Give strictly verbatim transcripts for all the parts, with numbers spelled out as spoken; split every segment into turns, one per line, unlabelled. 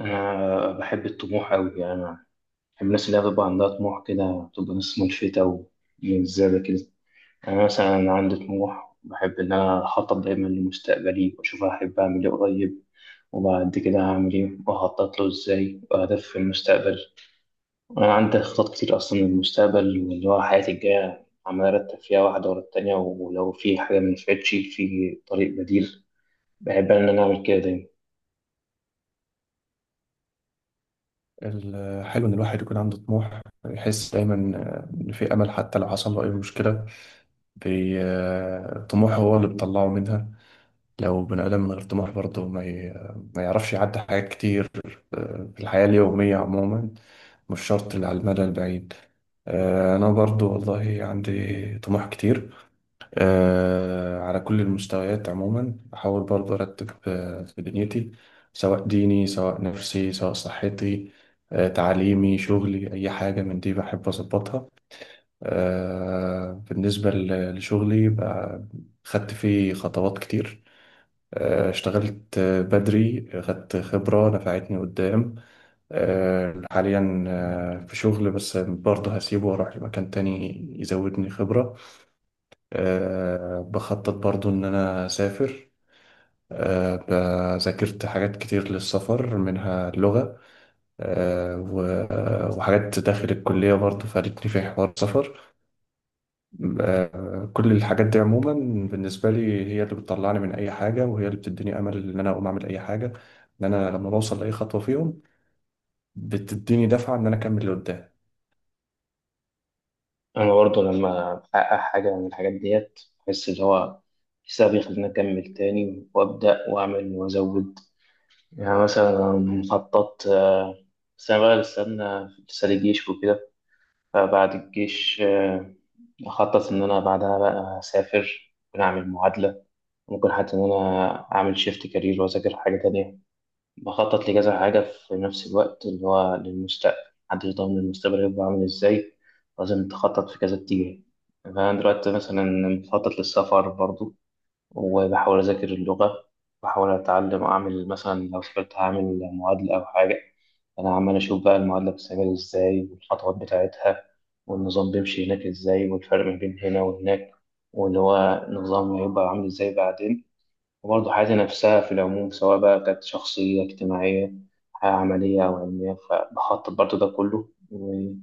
أنا بحب الطموح أوي، يعني أنا بحب الناس اللي بيبقى عندها طموح كده بتبقى ناس ملفتة ومجذابة كده. أنا مثلا عندي طموح، بحب إن أنا أخطط دايما لمستقبلي وأشوف أحب أعمل إيه قريب وبعد كده هعمل إيه وأخطط له إزاي، وأهداف في المستقبل. أنا عندي خطط كتير أصلا للمستقبل، واللي هو حياتي الجاية عمال أرتب فيها واحدة ورا التانية، ولو في حاجة منفعتش في طريق بديل. بحب إن أنا أعمل كده دايما.
الحلو إن الواحد يكون عنده طموح، يحس دايما إن في أمل حتى لو حصل له أي مشكلة. بي- طموحه هو اللي بيطلعه منها. لو بني آدم من غير طموح برضه ما, ي... ما يعرفش يعدي حاجات كتير. آه، في الحياة اليومية عموما، مش شرط اللي على المدى البعيد. آه، أنا برضه والله عندي طموح كتير. آه، على كل المستويات عموما بحاول برضه أرتب آه، في دنيتي، سواء ديني، سواء نفسي، سواء صحتي، آه، تعليمي، شغلي، أي حاجة من دي بحب أظبطها. آه، بالنسبة ل- لشغلي بقى، خدت فيه خطوات كتير. آه، اشتغلت آه، بدري، خدت خبرة نفعتني قدام. آه، حاليا آه، في شغل بس برضه هسيبه وأروح لمكان تاني يزودني خبرة. أه بخطط برضو إن أنا أسافر. أه ب- ذاكرت حاجات كتير للسفر، منها اللغة. أه و- وحاجات داخل الكلية برضو فادتني في حوار السفر. أه كل الحاجات دي عموما، بالنسبة لي هي اللي بتطلعني من أي حاجة، وهي اللي بتديني أمل إن أنا أقوم أعمل أي حاجة. إن أنا لما بوصل لأي خطوة فيهم، بتديني دفعة إن أنا أكمل لقدام.
انا برضه لما بحقق حاجه من الحاجات ديت بحس ان هو حسابي يخليني اكمل تاني وابدا واعمل وازود. يعني مثلا مخطط، آه، بس انا بقى استنى لسه لي جيش وكده. فبعد الجيش آه، اخطط ان انا بعدها بقى اسافر، ممكن اعمل معادله، ممكن حتى ان انا اعمل شيفت كارير واذاكر حاجه تانية. بخطط لكذا حاجة في نفس الوقت اللي هو للمستقبل. محدش ضامن المستقبل هيبقى عامل ازاي، لازم تخطط في كذا اتجاه. فأنا دلوقتي مثلا بخطط للسفر برضو، وبحاول أذاكر اللغة، بحاول أتعلم أعمل مثلا لو سافرت هعمل معادلة أو حاجة. أنا عمال أشوف بقى المعادلة بتتعمل ازاي والخطوات بتاعتها، والنظام بيمشي هناك ازاي والفرق ما بين هنا وهناك، واللي هو النظام هيبقى عامل ازاي بعدين. وبرضه حياتي نفسها في العموم سواء بقى كانت شخصية اجتماعية، حياة عملية أو علمية، فبخطط برضه ده كله، ويا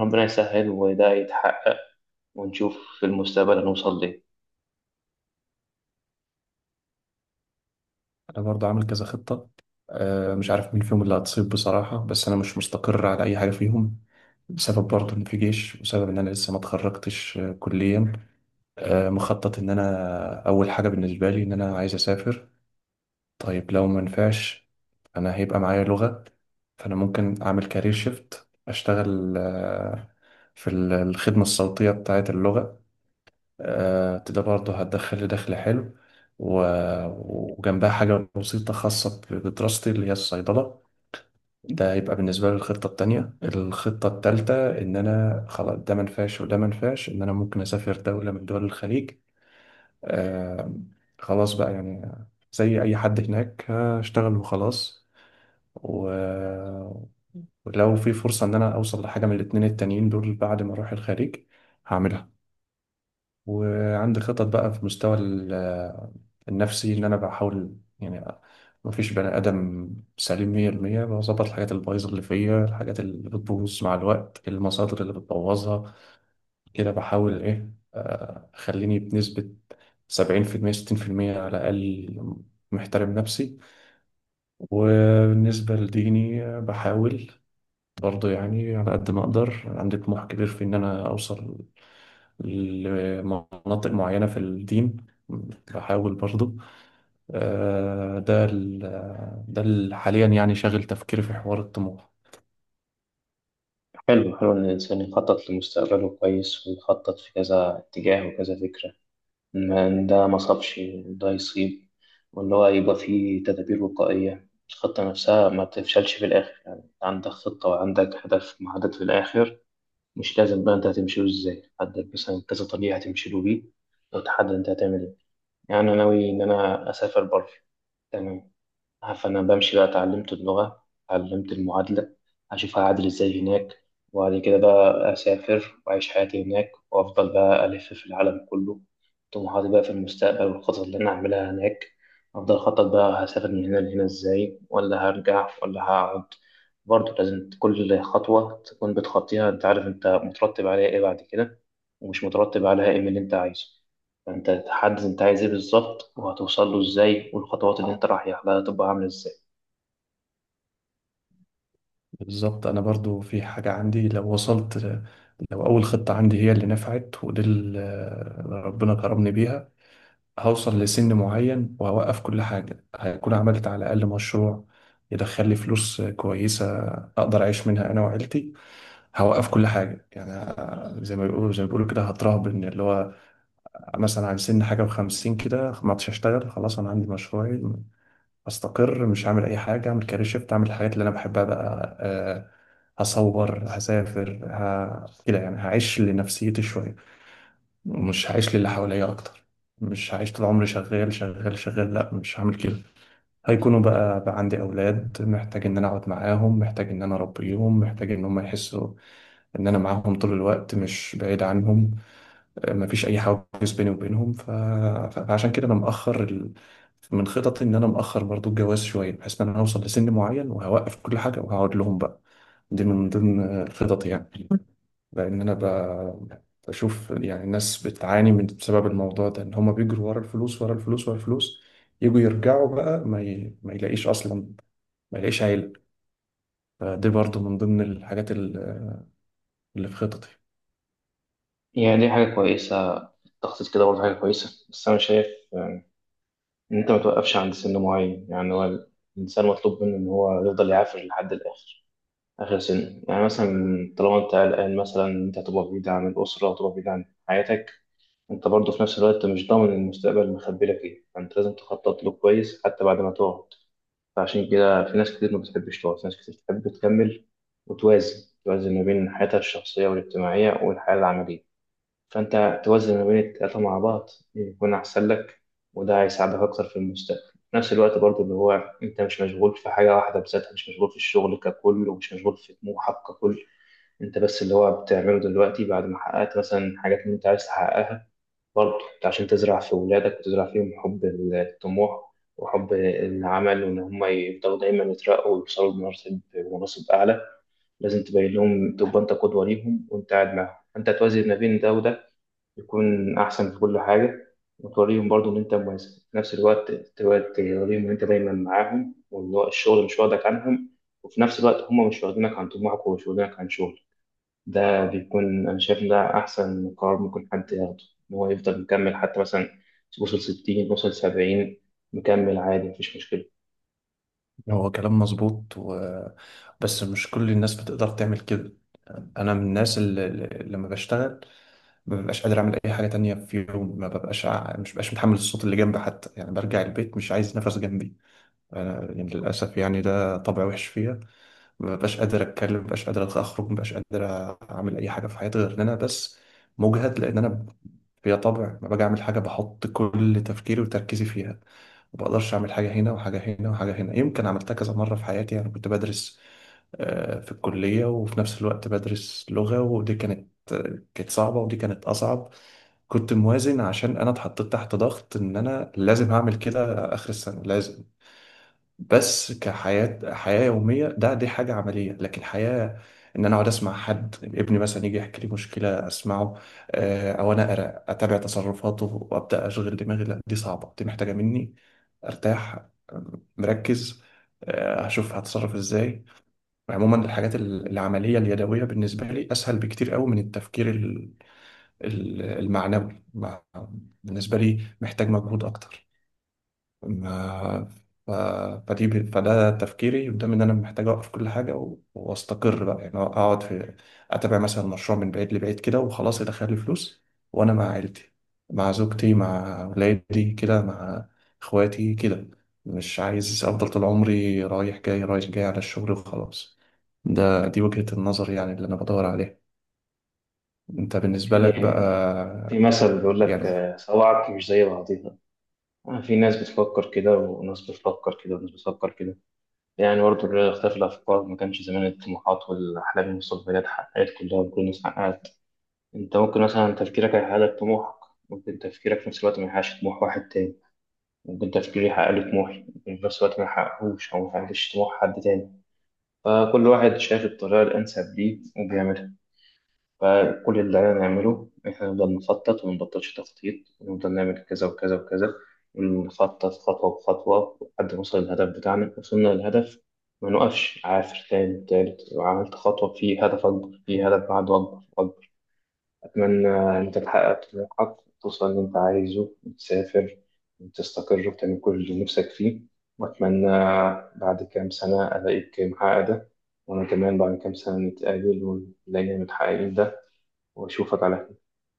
ربنا يسهل وده يتحقق ونشوف في المستقبل هنوصل ليه.
أنا برضو عامل كذا خطة. أه مش عارف مين فيهم اللي هتصيب بصراحة، بس أنا مش مستقر على أي حاجة فيهم، بسبب برضه إن في جيش، وسبب إن أنا لسه ما اتخرجتش آه، كليا. آه، مخطط إن أنا أول حاجة بالنسبة لي إن أنا عايز أسافر. طيب، لو ما نفعش، أنا هيبقى معايا لغة. فأنا ممكن أعمل كارير شيفت، أشتغل آه، في ال- الخدمة الصوتية بتاعة اللغة. آه، ده برضه هتدخل لي دخل حلو، و- وجنبها حاجة بسيطة خاصة بدراستي اللي هي الصيدلة. ده يبقى بالنسبة لي الخطة التانية. الخطة التالتة إن أنا خلاص، ده منفعش وده منفعش، إن أنا ممكن أسافر دولة من دول الخليج. آه خلاص بقى يعني، زي أي حد هناك هشتغل وخلاص. و... ولو في فرصة إن أنا أوصل لحاجة من الاتنين التانيين دول بعد ما أروح الخليج، هعملها. وعندي خطط بقى في مستوى ال- النفسي، ان انا بحاول يعني، ما فيش بني ادم سليم مية في المية. بظبط الحاجات البايظه اللي فيا، الحاجات اللي بتبوظ مع الوقت، المصادر اللي بتبوظها، كده بحاول ايه، آه، اخليني بنسبه سبعين في المية، ستين في المية على الاقل محترم نفسي. وبالنسبه لديني، آه، بحاول برضه يعني على قد ما اقدر، عندي طموح كبير في ان انا اوصل لمناطق معينة في الدين. بحاول برضه آه، ده ال- ده اللي حاليا يعني شاغل تفكيري في حوار الطموح.
حلو حلو إن الإنسان يخطط لمستقبله كويس ويخطط في كذا اتجاه وكذا فكرة، ما إن ده ما صابش وده يصيب، واللي هو يبقى فيه تدابير وقائية الخطة نفسها ما تفشلش في الآخر. يعني عندك خطة وعندك هدف محدد في الآخر، مش لازم بقى انت هتمشي له ازاي، حدد مثلا كذا طريقة هتمشي له بيه، وتحدد انت هتعمل ايه. يعني انا ناوي ان انا اسافر بره، تمام، فأنا بمشي بقى، اتعلمت اللغة، اتعلمت المعادلة، هشوف هعادل ازاي هناك، وبعد كده بقى أسافر وأعيش حياتي هناك وأفضل بقى ألف في العالم كله. طموحاتي بقى في المستقبل والخطط اللي أنا هعملها هناك، أفضل أخطط بقى هسافر من هنا لهنا ازاي، ولا هرجع ولا هقعد. برضه لازم كل خطوة تكون بتخطيها أنت عارف أنت مترتب عليها إيه بعد كده، ومش مترتب عليها إيه من اللي أنت عايزه. فأنت تحدد أنت عايز إيه بالظبط، وهتوصل له إزاي، والخطوات اللي أنت رايح لها تبقى عاملة إزاي.
بالظبط، أنا برضه في حاجة عندي، لو وصلت، لو أول خطة عندي هي اللي نفعت ودي اللي ربنا كرمني بيها، هوصل لسن معين وهوقف كل حاجة. هيكون عملت على الأقل مشروع يدخل لي فلوس كويسة، أقدر أعيش منها أنا وعيلتي. هوقف كل حاجة يعني، زي ما بيقولوا زي ما بيقولوا كده، هترهبن اللي هو مثلا عن سن حاجة وخمسين كده، ما عدتش أشتغل، خلاص أنا عندي مشروعي، أستقر، مش هعمل أي حاجة. أعمل كارير شيفت، أعمل الحاجات اللي أنا بحبها بقى. أه هصور، هسافر، ه... كده يعني هعيش لنفسيتي شوية، مش هعيش للي حواليا أكتر. مش هعيش طول عمري شغال شغال شغال، لا مش هعمل كده. هيكونوا بقى بقى عندي أولاد، محتاج إن أنا أقعد معاهم، محتاج إن أنا أربيهم، محتاج إن هم يحسوا إن أنا معاهم طول الوقت، مش بعيد عنهم. آه، مفيش أي حواجز بيني وبينهم ف... ف- فعشان كده أنا مأخر ال... من خططي إن أنا مأخر برضو الجواز شوية، بحيث إن أنا هوصل لسن معين وهوقف كل حاجة وهقعد لهم بقى. دي من ضمن آه، الخطط يعني، لأن أنا ب- بشوف يعني الناس بتعاني من، بسبب الموضوع ده، إن هما بيجروا ورا الفلوس ورا الفلوس ورا الفلوس، يجوا يرجعوا بقى ما, ي... ما يلاقيش أصلا، ما يلاقيش عيلة. فدي برضو من ضمن الحاجات ال- اللي في خططي.
يعني دي حاجة كويسة، التخطيط كده برضه حاجة كويسة، بس أنا شايف إن أنت ما توقفش عند سن معين. يعني هو الإنسان مطلوب منه إن هو يفضل يعافر لحد الآخر، آخر سن يعني مثلا. طالما أنت قلقان مثلا إن أنت هتبقى بعيد عن الأسرة وتبقى بعيد عن حياتك، أنت برضه في نفس الوقت مش ضامن المستقبل مخبي لك إيه، فأنت لازم تخطط له كويس حتى بعد ما تقعد. فعشان كده في ناس كتير ما بتحبش تقف، ناس كتير بتحب تكمل وتوازن، توازن ما بين حياتها الشخصية والاجتماعية والحياة العملية. فأنت توازن ما بين التلاتة مع بعض يكون أحسن لك، وده هيساعدك أكتر في المستقبل. في نفس الوقت برضو اللي هو أنت مش مشغول في حاجة واحدة بذاتها، مش مشغول في الشغل ككل، ومش مشغول في طموحك ككل. أنت بس اللي هو بتعمله دلوقتي بعد ما حققت مثلا حاجات اللي أنت عايز تحققها برضه، عشان تزرع في ولادك وتزرع فيهم حب الطموح وحب العمل، وإن هم يفضلوا دايما يترقوا ويوصلوا لمناصب، مناصب أعلى. لازم تبين لهم، تبقى أنت قدوة ليهم، وأنت قاعد معاهم أنت توازن ما بين ده وده يكون أحسن في كل حاجة. وتوريهم برضه إن أنت مميز، في نفس الوقت تبقى توريهم إن أنت دايما معاهم، وإن هو الشغل مش واخدك عنهم، وفي نفس الوقت هم مش واخدينك عن طموحك ومش واخدينك عن شغلك. ده بيكون أنا شايف إن ده أحسن قرار ممكن حد ياخده، إن هو يفضل مكمل. حتى مثلا وصل ستين، وصل سبعين، مكمل عادي مفيش مشكلة.
هو كلام مظبوط و... بس مش كل الناس بتقدر تعمل كده. أنا من الناس اللي اللي لما بشتغل ما ببقاش قادر أعمل أي حاجة تانية، في يوم ما ببقاش ع- مش ببقاش متحمل الصوت اللي جنبي حتى، يعني برجع البيت مش عايز نفس جنبي. أنا يعني للأسف يعني، ده طبع وحش فيا. مبقاش قادر اتكلم، مبقاش قادر اخرج، مبقاش قادر اعمل اي حاجه في حياتي غير ان انا بس مجهد، لان انا هي طبع، ما باجي اعمل حاجه بحط كل تفكيري وتركيزي فيها. ما بقدرش اعمل حاجه هنا وحاجه هنا وحاجه هنا. يمكن عملتها كذا مره في حياتي، يعني كنت بدرس آه، في الكليه وفي نفس الوقت بدرس لغه، ودي كانت كانت صعبه ودي كانت اصعب. كنت موازن، عشان انا اتحطيت تحت ضغط ان انا لازم هعمل كده اخر السنه لازم. بس كحياة، حياة يومية، ده دي حاجة عملية، لكن حياة إن أنا أقعد أسمع حد، ابني مثلا يجي يحكي لي مشكلة أسمعه، آه، أو أنا أقرأ أتابع تصرفاته وأبدأ أشغل دماغي، لا دي صعبة، دي محتاجة مني أرتاح، آه، مركز، آه، أشوف هتصرف إزاي. عموما الحاجات ال- العملية اليدوية بالنسبة لي أسهل بكتير قوي من التفكير ال- ال- المعنوي مع- بالنسبة لي محتاج مجهود أكتر. ما- ف... فدي ب- فده تفكيري قدام، ان انا محتاج اوقف كل حاجه و... واستقر بقى يعني، اقعد في اتابع مثلا مشروع من بعيد لبعيد كده وخلاص، يدخل لي فلوس وانا مع عيلتي، مع زوجتي، مع ولادي كده، مع اخواتي كده. مش عايز افضل طول عمري رايح جاي رايح جاي على الشغل وخلاص. ده دي وجهة النظر يعني اللي انا بدور عليها. انت بالنسبة
في
لك بقى
في مثل بيقول لك
يعني
آه، صواعق مش زي بعضيها. آه، في ناس بتفكر كده وناس بتفكر كده وناس بتفكر كده. يعني برضه لولا اختلاف الأفكار ما كانش زمان الطموحات والأحلام والمستقبلات اتحققت كلها وكل الناس حققت. أنت ممكن مثلا تفكيرك هيحقق لك طموحك، ممكن تفكيرك في نفس الوقت ما يحققش طموح واحد تاني. ممكن تفكيري يحقق لي طموحي وفي نفس الوقت ما يحققهوش أو ما يحققش طموح حد تاني. فكل واحد شايف الطريقة الأنسب ليه وبيعملها. فكل اللي علينا نعمله إحنا نفضل نخطط ومنبطلش تخطيط، ونفضل نعمل كذا وكذا وكذا، ونخطط خطوة بخطوة لحد ما نوصل للهدف بتاعنا. وصلنا للهدف ما نقفش، عافر تاني تالت وعملت خطوة في هدف أكبر، في هدف بعده أكبر. أتمنى إن أنت تحقق طموحك، توصل اللي أنت عايزه وتسافر وتستقر وتعمل كل اللي نفسك فيه. وأتمنى بعد كام سنة ألاقيك محقق ده، وأنا كمان بعد كام سنة نتقابل ونلاقي متحققين ده، وأشوفك على خير.